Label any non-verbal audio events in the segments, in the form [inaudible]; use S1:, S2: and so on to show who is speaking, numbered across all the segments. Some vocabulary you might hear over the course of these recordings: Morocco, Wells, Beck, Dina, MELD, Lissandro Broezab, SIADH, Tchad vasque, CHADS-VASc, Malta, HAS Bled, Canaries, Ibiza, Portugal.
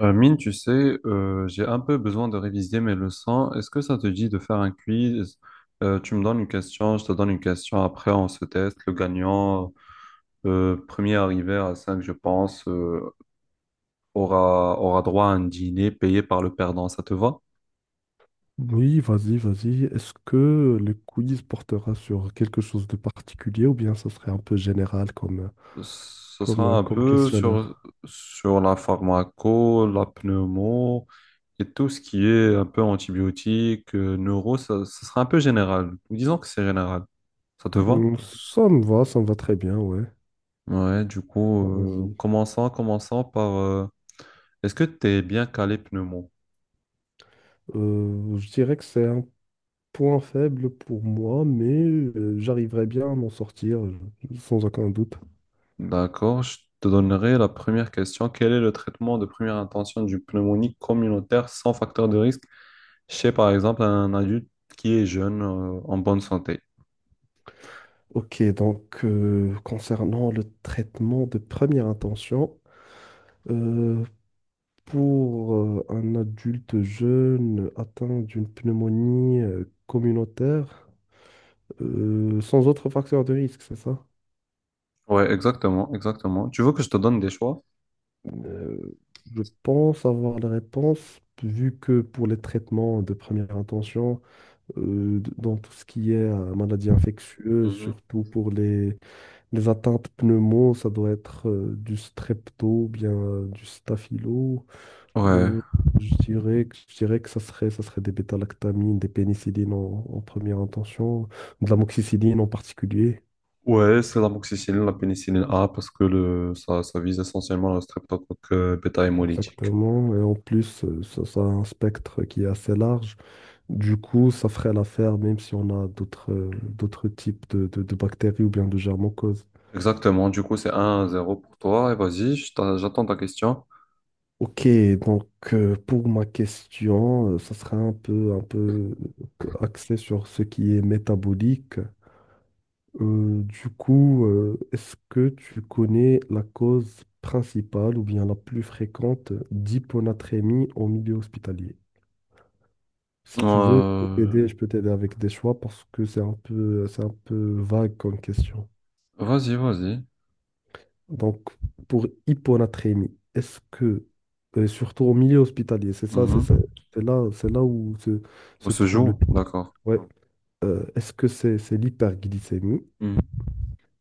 S1: Mine, tu sais, j'ai un peu besoin de réviser mes leçons. Est-ce que ça te dit de faire un quiz? Tu me donnes une question, je te donne une question. Après, on se teste. Le gagnant, premier arrivé à 5, je pense, aura droit à un dîner payé par le perdant. Ça te va?
S2: Oui, vas-y, vas-y. Est-ce que le quiz portera sur quelque chose de particulier ou bien ça serait un peu général comme,
S1: Ce sera
S2: comme,
S1: un
S2: comme
S1: peu sur,
S2: questionnaire?
S1: sur la pharmaco, la pneumo et tout ce qui est un peu antibiotique, neuro. Ça sera un peu général. Disons que c'est général. Ça te va?
S2: Ça me va très bien, ouais.
S1: Ouais, du coup,
S2: Vas-y.
S1: commençons par... est-ce que tu es bien calé pneumo?
S2: Je dirais que c'est un point faible pour moi, mais j'arriverai bien à m'en sortir, sans aucun doute.
S1: D'accord, je te donnerai la première question. Quel est le traitement de première intention du pneumonie communautaire sans facteur de risque chez, par exemple, un adulte qui est jeune, en bonne santé?
S2: Ok, donc concernant le traitement de première intention, euh, Pour un adulte jeune atteint d'une pneumonie communautaire, sans autre facteur de risque, c'est ça?
S1: Ouais, exactement, exactement. Tu veux que je te donne des choix?
S2: Euh, je pense avoir la réponse, vu que pour les traitements de première intention, dans tout ce qui est maladie infectieuse,
S1: Mhm.
S2: surtout pour les atteintes pneumo, ça doit être du strepto, ou bien du staphylo.
S1: Ouais.
S2: Euh, je dirais que ça serait des bêta-lactamines, des pénicillines en première intention, de l'amoxicilline en particulier,
S1: Ouais, c'est l'amoxicilline, la pénicilline A, parce que le, ça vise essentiellement le streptocoque bêta-hémolytique.
S2: exactement. Et en plus, ça, ça a un spectre qui est assez large. Du coup, ça ferait l'affaire même si on a d'autres types de bactéries ou bien de germes causes.
S1: Exactement, du coup c'est 1 zéro pour toi. Et vas-y, j'attends ta question.
S2: Ok, donc pour ma question, ça serait un peu axé sur ce qui est métabolique. Du coup, est-ce que tu connais la cause principale ou bien la plus fréquente d'hyponatrémie au milieu hospitalier? Si tu veux,
S1: Euh,
S2: je peux t'aider avec des choix parce que c'est un peu vague comme question.
S1: vas-y, vas-y.
S2: Donc, pour hyponatrémie, surtout au milieu hospitalier,
S1: Mhm.
S2: c'est là où se,
S1: On
S2: se
S1: se
S2: trouve le
S1: joue,
S2: pire.
S1: d'accord.
S2: Ouais. Est-ce que c'est l'hyperglycémie?
S1: Mhm.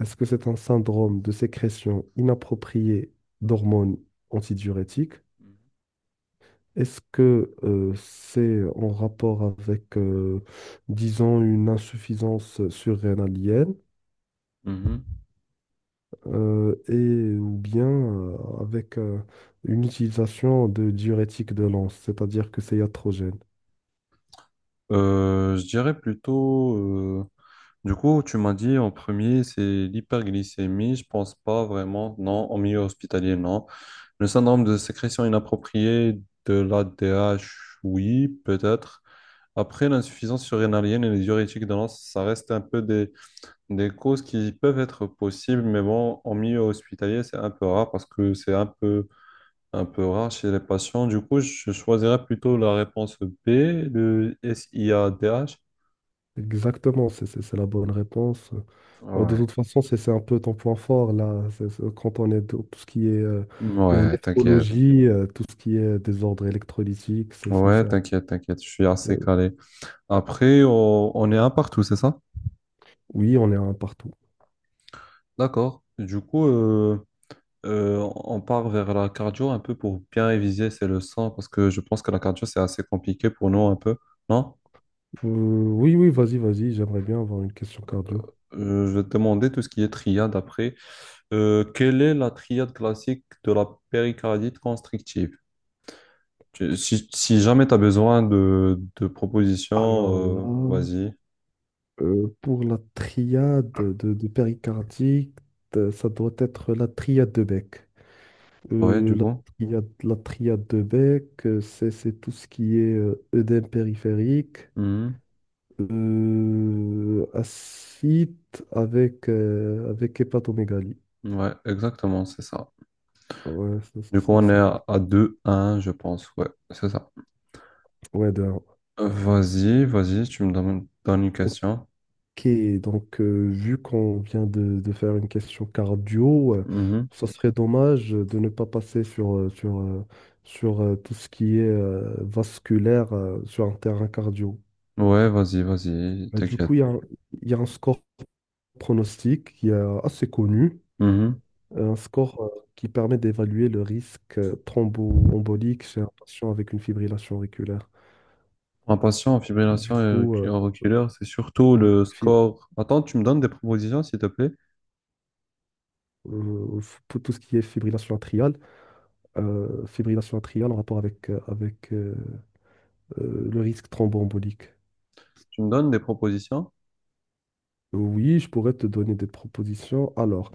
S2: Est-ce que c'est un syndrome de sécrétion inappropriée d'hormones antidiurétiques? Est-ce que c'est en rapport avec, disons, une insuffisance surrénalienne
S1: Mhm.
S2: et ou bien avec une utilisation de diurétiques de l'anse, c'est-à-dire que c'est iatrogène?
S1: Je dirais plutôt, du coup tu m'as dit en premier c'est l'hyperglycémie, je pense pas vraiment, non, en milieu hospitalier, non. Le syndrome de sécrétion inappropriée de l'ADH, oui, peut-être. Après, l'insuffisance surrénalienne et les diurétiques de l'anse, ça reste un peu des causes qui peuvent être possibles, mais bon, en milieu hospitalier, c'est un peu rare parce que c'est un peu rare chez les patients. Du coup, je choisirais plutôt la réponse B, le SIADH.
S2: Exactement, c'est la bonne réponse. Oh, de
S1: Ouais,
S2: toute façon, c'est un peu ton point fort là. Quand on est dans tout ce qui est
S1: ouais, t'inquiète.
S2: néphrologie, tout ce qui est désordre électrolytique,
S1: Ouais, t'inquiète, t'inquiète, je suis assez
S2: euh,
S1: calé. Après, on est un partout, c'est ça?
S2: oui, on est un partout.
S1: D'accord. Du coup, on part vers la cardio un peu pour bien réviser c'est le sang parce que je pense que la cardio, c'est assez compliqué pour nous un peu, non?
S2: Oui, oui, vas-y, vas-y, j'aimerais bien avoir une question cardio.
S1: Je vais te demander tout ce qui est triade après. Quelle est la triade classique de la péricardite constrictive? Si, si jamais tu as besoin de
S2: Alors là,
S1: propositions, vas-y.
S2: pour la triade de péricardique, ça doit être la triade de Beck.
S1: Ouais,
S2: Euh,
S1: du
S2: la
S1: coup.
S2: la triade de Beck, c'est tout ce qui est œdème périphérique,
S1: Mhm.
S2: acide avec hépatomégalie.
S1: Ouais, exactement, c'est ça.
S2: Ouais, ça, ça,
S1: Du coup,
S2: ça,
S1: on est
S2: ça doit être-
S1: à 2-1, je pense. Ouais, c'est ça.
S2: ouais, de un.
S1: Vas-y, vas-y, tu me donnes, donnes une question.
S2: Ok, donc vu qu'on vient de faire une question cardio,
S1: Mhm.
S2: ça serait dommage de ne pas passer sur tout ce qui est vasculaire sur un terrain cardio.
S1: Ouais, vas-y, vas-y,
S2: Mais du
S1: t'inquiète.
S2: coup, il y a un score pronostic qui est assez connu,
S1: Mhm.
S2: un score qui permet d'évaluer le risque thromboembolique chez un patient avec une fibrillation auriculaire.
S1: En patient en
S2: Du coup,
S1: auriculaire, c'est surtout
S2: oui,
S1: le score. Attends, tu me donnes des propositions, s'il te plaît.
S2: pour tout ce qui est fibrillation atriale en rapport avec le risque thromboembolique.
S1: Tu me donnes des propositions?
S2: Oui, je pourrais te donner des propositions. Alors,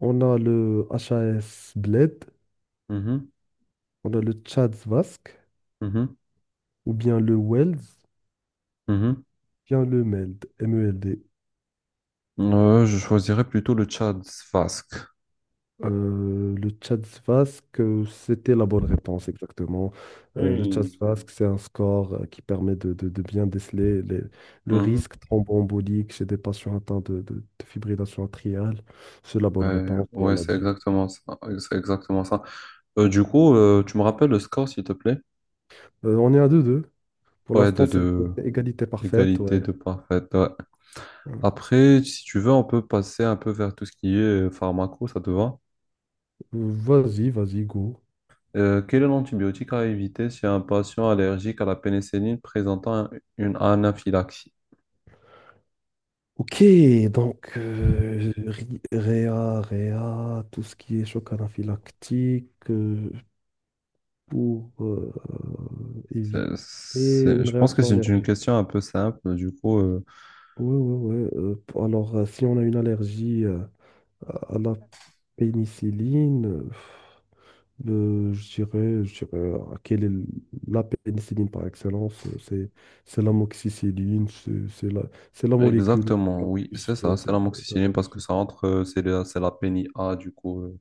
S2: on a le HAS Bled, on a le CHADS-VASc,
S1: Mhm,
S2: ou bien le Wells ou
S1: mhm.
S2: bien le MELD.
S1: Je choisirais plutôt le Tchad vasque.
S2: Le Tchad Vasque, c'était la bonne réponse exactement. Le Tchad
S1: Oui.
S2: Vasque, c'est un score qui permet de bien déceler le
S1: Mhm.
S2: risque thromboembolique chez des patients atteints de fibrillation atriale. C'est la bonne
S1: Ouais,
S2: réponse, rien
S1: ouais,
S2: à
S1: c'est
S2: dire.
S1: exactement ça. C'est exactement ça. Du coup, tu me rappelles le score, s'il te plaît?
S2: On est à 2-2. Pour
S1: Ouais,
S2: l'instant, c'est
S1: de
S2: c'est égalité parfaite.
S1: égalité
S2: Ouais.
S1: de parfaite. Ouais.
S2: Euh,
S1: Après, si tu veux, on peut passer un peu vers tout ce qui est pharmaco, ça te va?
S2: Vas-y, vas-y, go.
S1: Quel est l'antibiotique à éviter si un patient allergique à la pénicilline présentant une anaphylaxie?
S2: Ok, donc réa, tout ce qui est choc anaphylactique. Pour éviter une
S1: Je pense que
S2: réaction
S1: c'est une
S2: allergique.
S1: question un peu simple. Du coup,
S2: Oui, oui, oui. Alors, si on a une allergie à la pénicilline, je dirais, quelle est la pénicilline par excellence? C'est l'amoxicilline, c'est la molécule où il
S1: exactement,
S2: y a
S1: oui, c'est
S2: plus
S1: ça, c'est l'amoxicilline parce que
S2: d'allergie.
S1: ça entre, c'est la pénie A, du coup,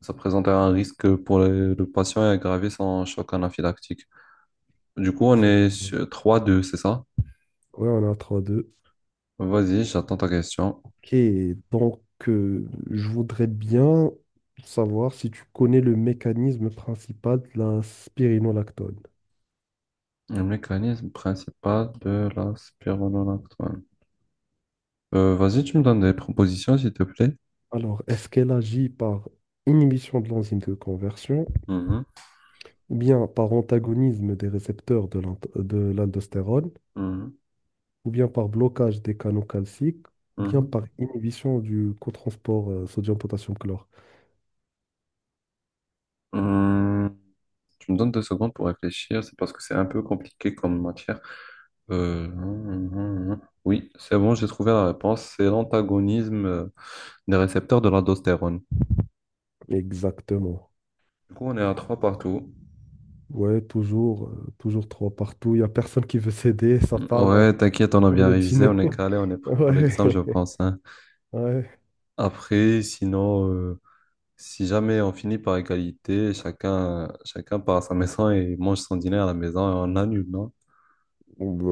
S1: ça présente un risque pour le patient et aggraver son choc anaphylactique. Du coup, on est
S2: Exactement.
S1: sur 3-2, c'est ça?
S2: Oui, on a 3.
S1: Vas-y, j'attends ta question.
S2: Ok, donc je voudrais bien savoir si tu connais le mécanisme principal de la spironolactone.
S1: Le mécanisme principal de la spironolactone. Vas-y, tu me donnes des propositions, s'il te plaît.
S2: Alors, est-ce qu'elle agit par inhibition de l'enzyme de conversion,
S1: Mhm,
S2: ou bien par antagonisme des récepteurs de l'aldostérone,
S1: mhm,
S2: ou bien par blocage des canaux calciques, ou bien
S1: mhm.
S2: par inhibition du cotransport sodium-potassium-chlore?
S1: Hum, Tu me donnes deux secondes pour réfléchir, c'est parce que c'est un peu compliqué comme matière. Euh, hum, oui, c'est bon, j'ai trouvé la réponse. C'est l'antagonisme des récepteurs de l'aldostérone.
S2: Exactement.
S1: Du coup, on est à trois partout.
S2: Ouais, toujours trois partout. Il n'y a personne qui veut céder, [laughs] ça part
S1: Ouais, t'inquiète, on a
S2: pour
S1: bien
S2: le
S1: révisé,
S2: dîner.
S1: on est
S2: [laughs]
S1: calé, on est prêt pour
S2: Ouais,
S1: l'examen, je pense, hein.
S2: [laughs] ouais.
S1: Après, sinon, si jamais on finit par égalité, chacun, chacun part à sa maison et mange son dîner à la maison et on annule, non?
S2: Bon, bah,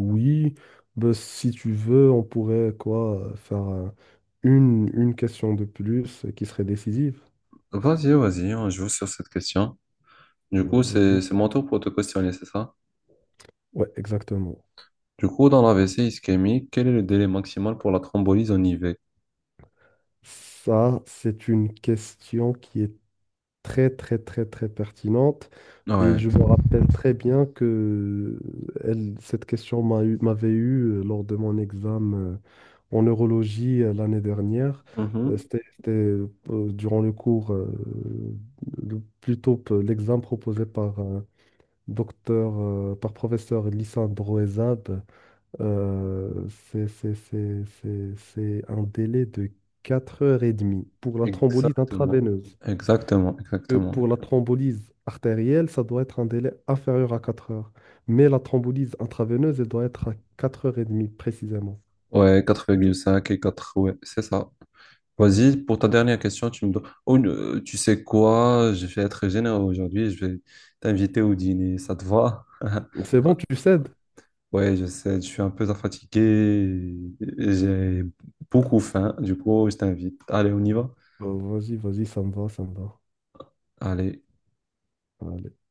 S2: oui. Si tu veux, on pourrait quoi faire une question de plus qui serait décisive.
S1: Vas-y, vas-y, on joue sur cette question. Du coup,
S2: Vas-y.
S1: c'est mon tour pour te questionner, c'est ça?
S2: Ouais, exactement.
S1: Du coup, dans la l'AVC ischémique, quel est le délai maximal pour la thrombolyse en IV?
S2: Ça, c'est une question qui est très, très, très, très pertinente. Et
S1: Ouais.
S2: je me rappelle très bien que elle, cette question m'avait eu lors de mon examen en neurologie l'année dernière. Euh,
S1: Mhm.
S2: C'était c'était, durant le cours, l'examen proposé par professeur Lissandro Broezab. C'est un délai de 4 heures et demie pour la thrombolyse
S1: Exactement.
S2: intraveineuse
S1: Exactement,
S2: que
S1: exactement.
S2: pour la thrombolyse artérielle, ça doit être un délai inférieur à 4 heures. Mais la thrombolyse intraveineuse, elle doit être à 4h30 précisément.
S1: Ouais, 4,5 et quatre. Ouais, c'est ça.
S2: Ouais.
S1: Vas-y, pour ta dernière question, tu me dois... Oh, tu sais quoi? Je vais être généreux aujourd'hui, je vais t'inviter au dîner, ça te va? [laughs]
S2: C'est bon, tu cèdes?
S1: Ouais, je sais, je suis un peu fatigué, et j'ai beaucoup faim, du coup, je t'invite. Allez, on y va?
S2: Bah, vas-y, vas-y, ça me va, ça me
S1: Allez.
S2: va.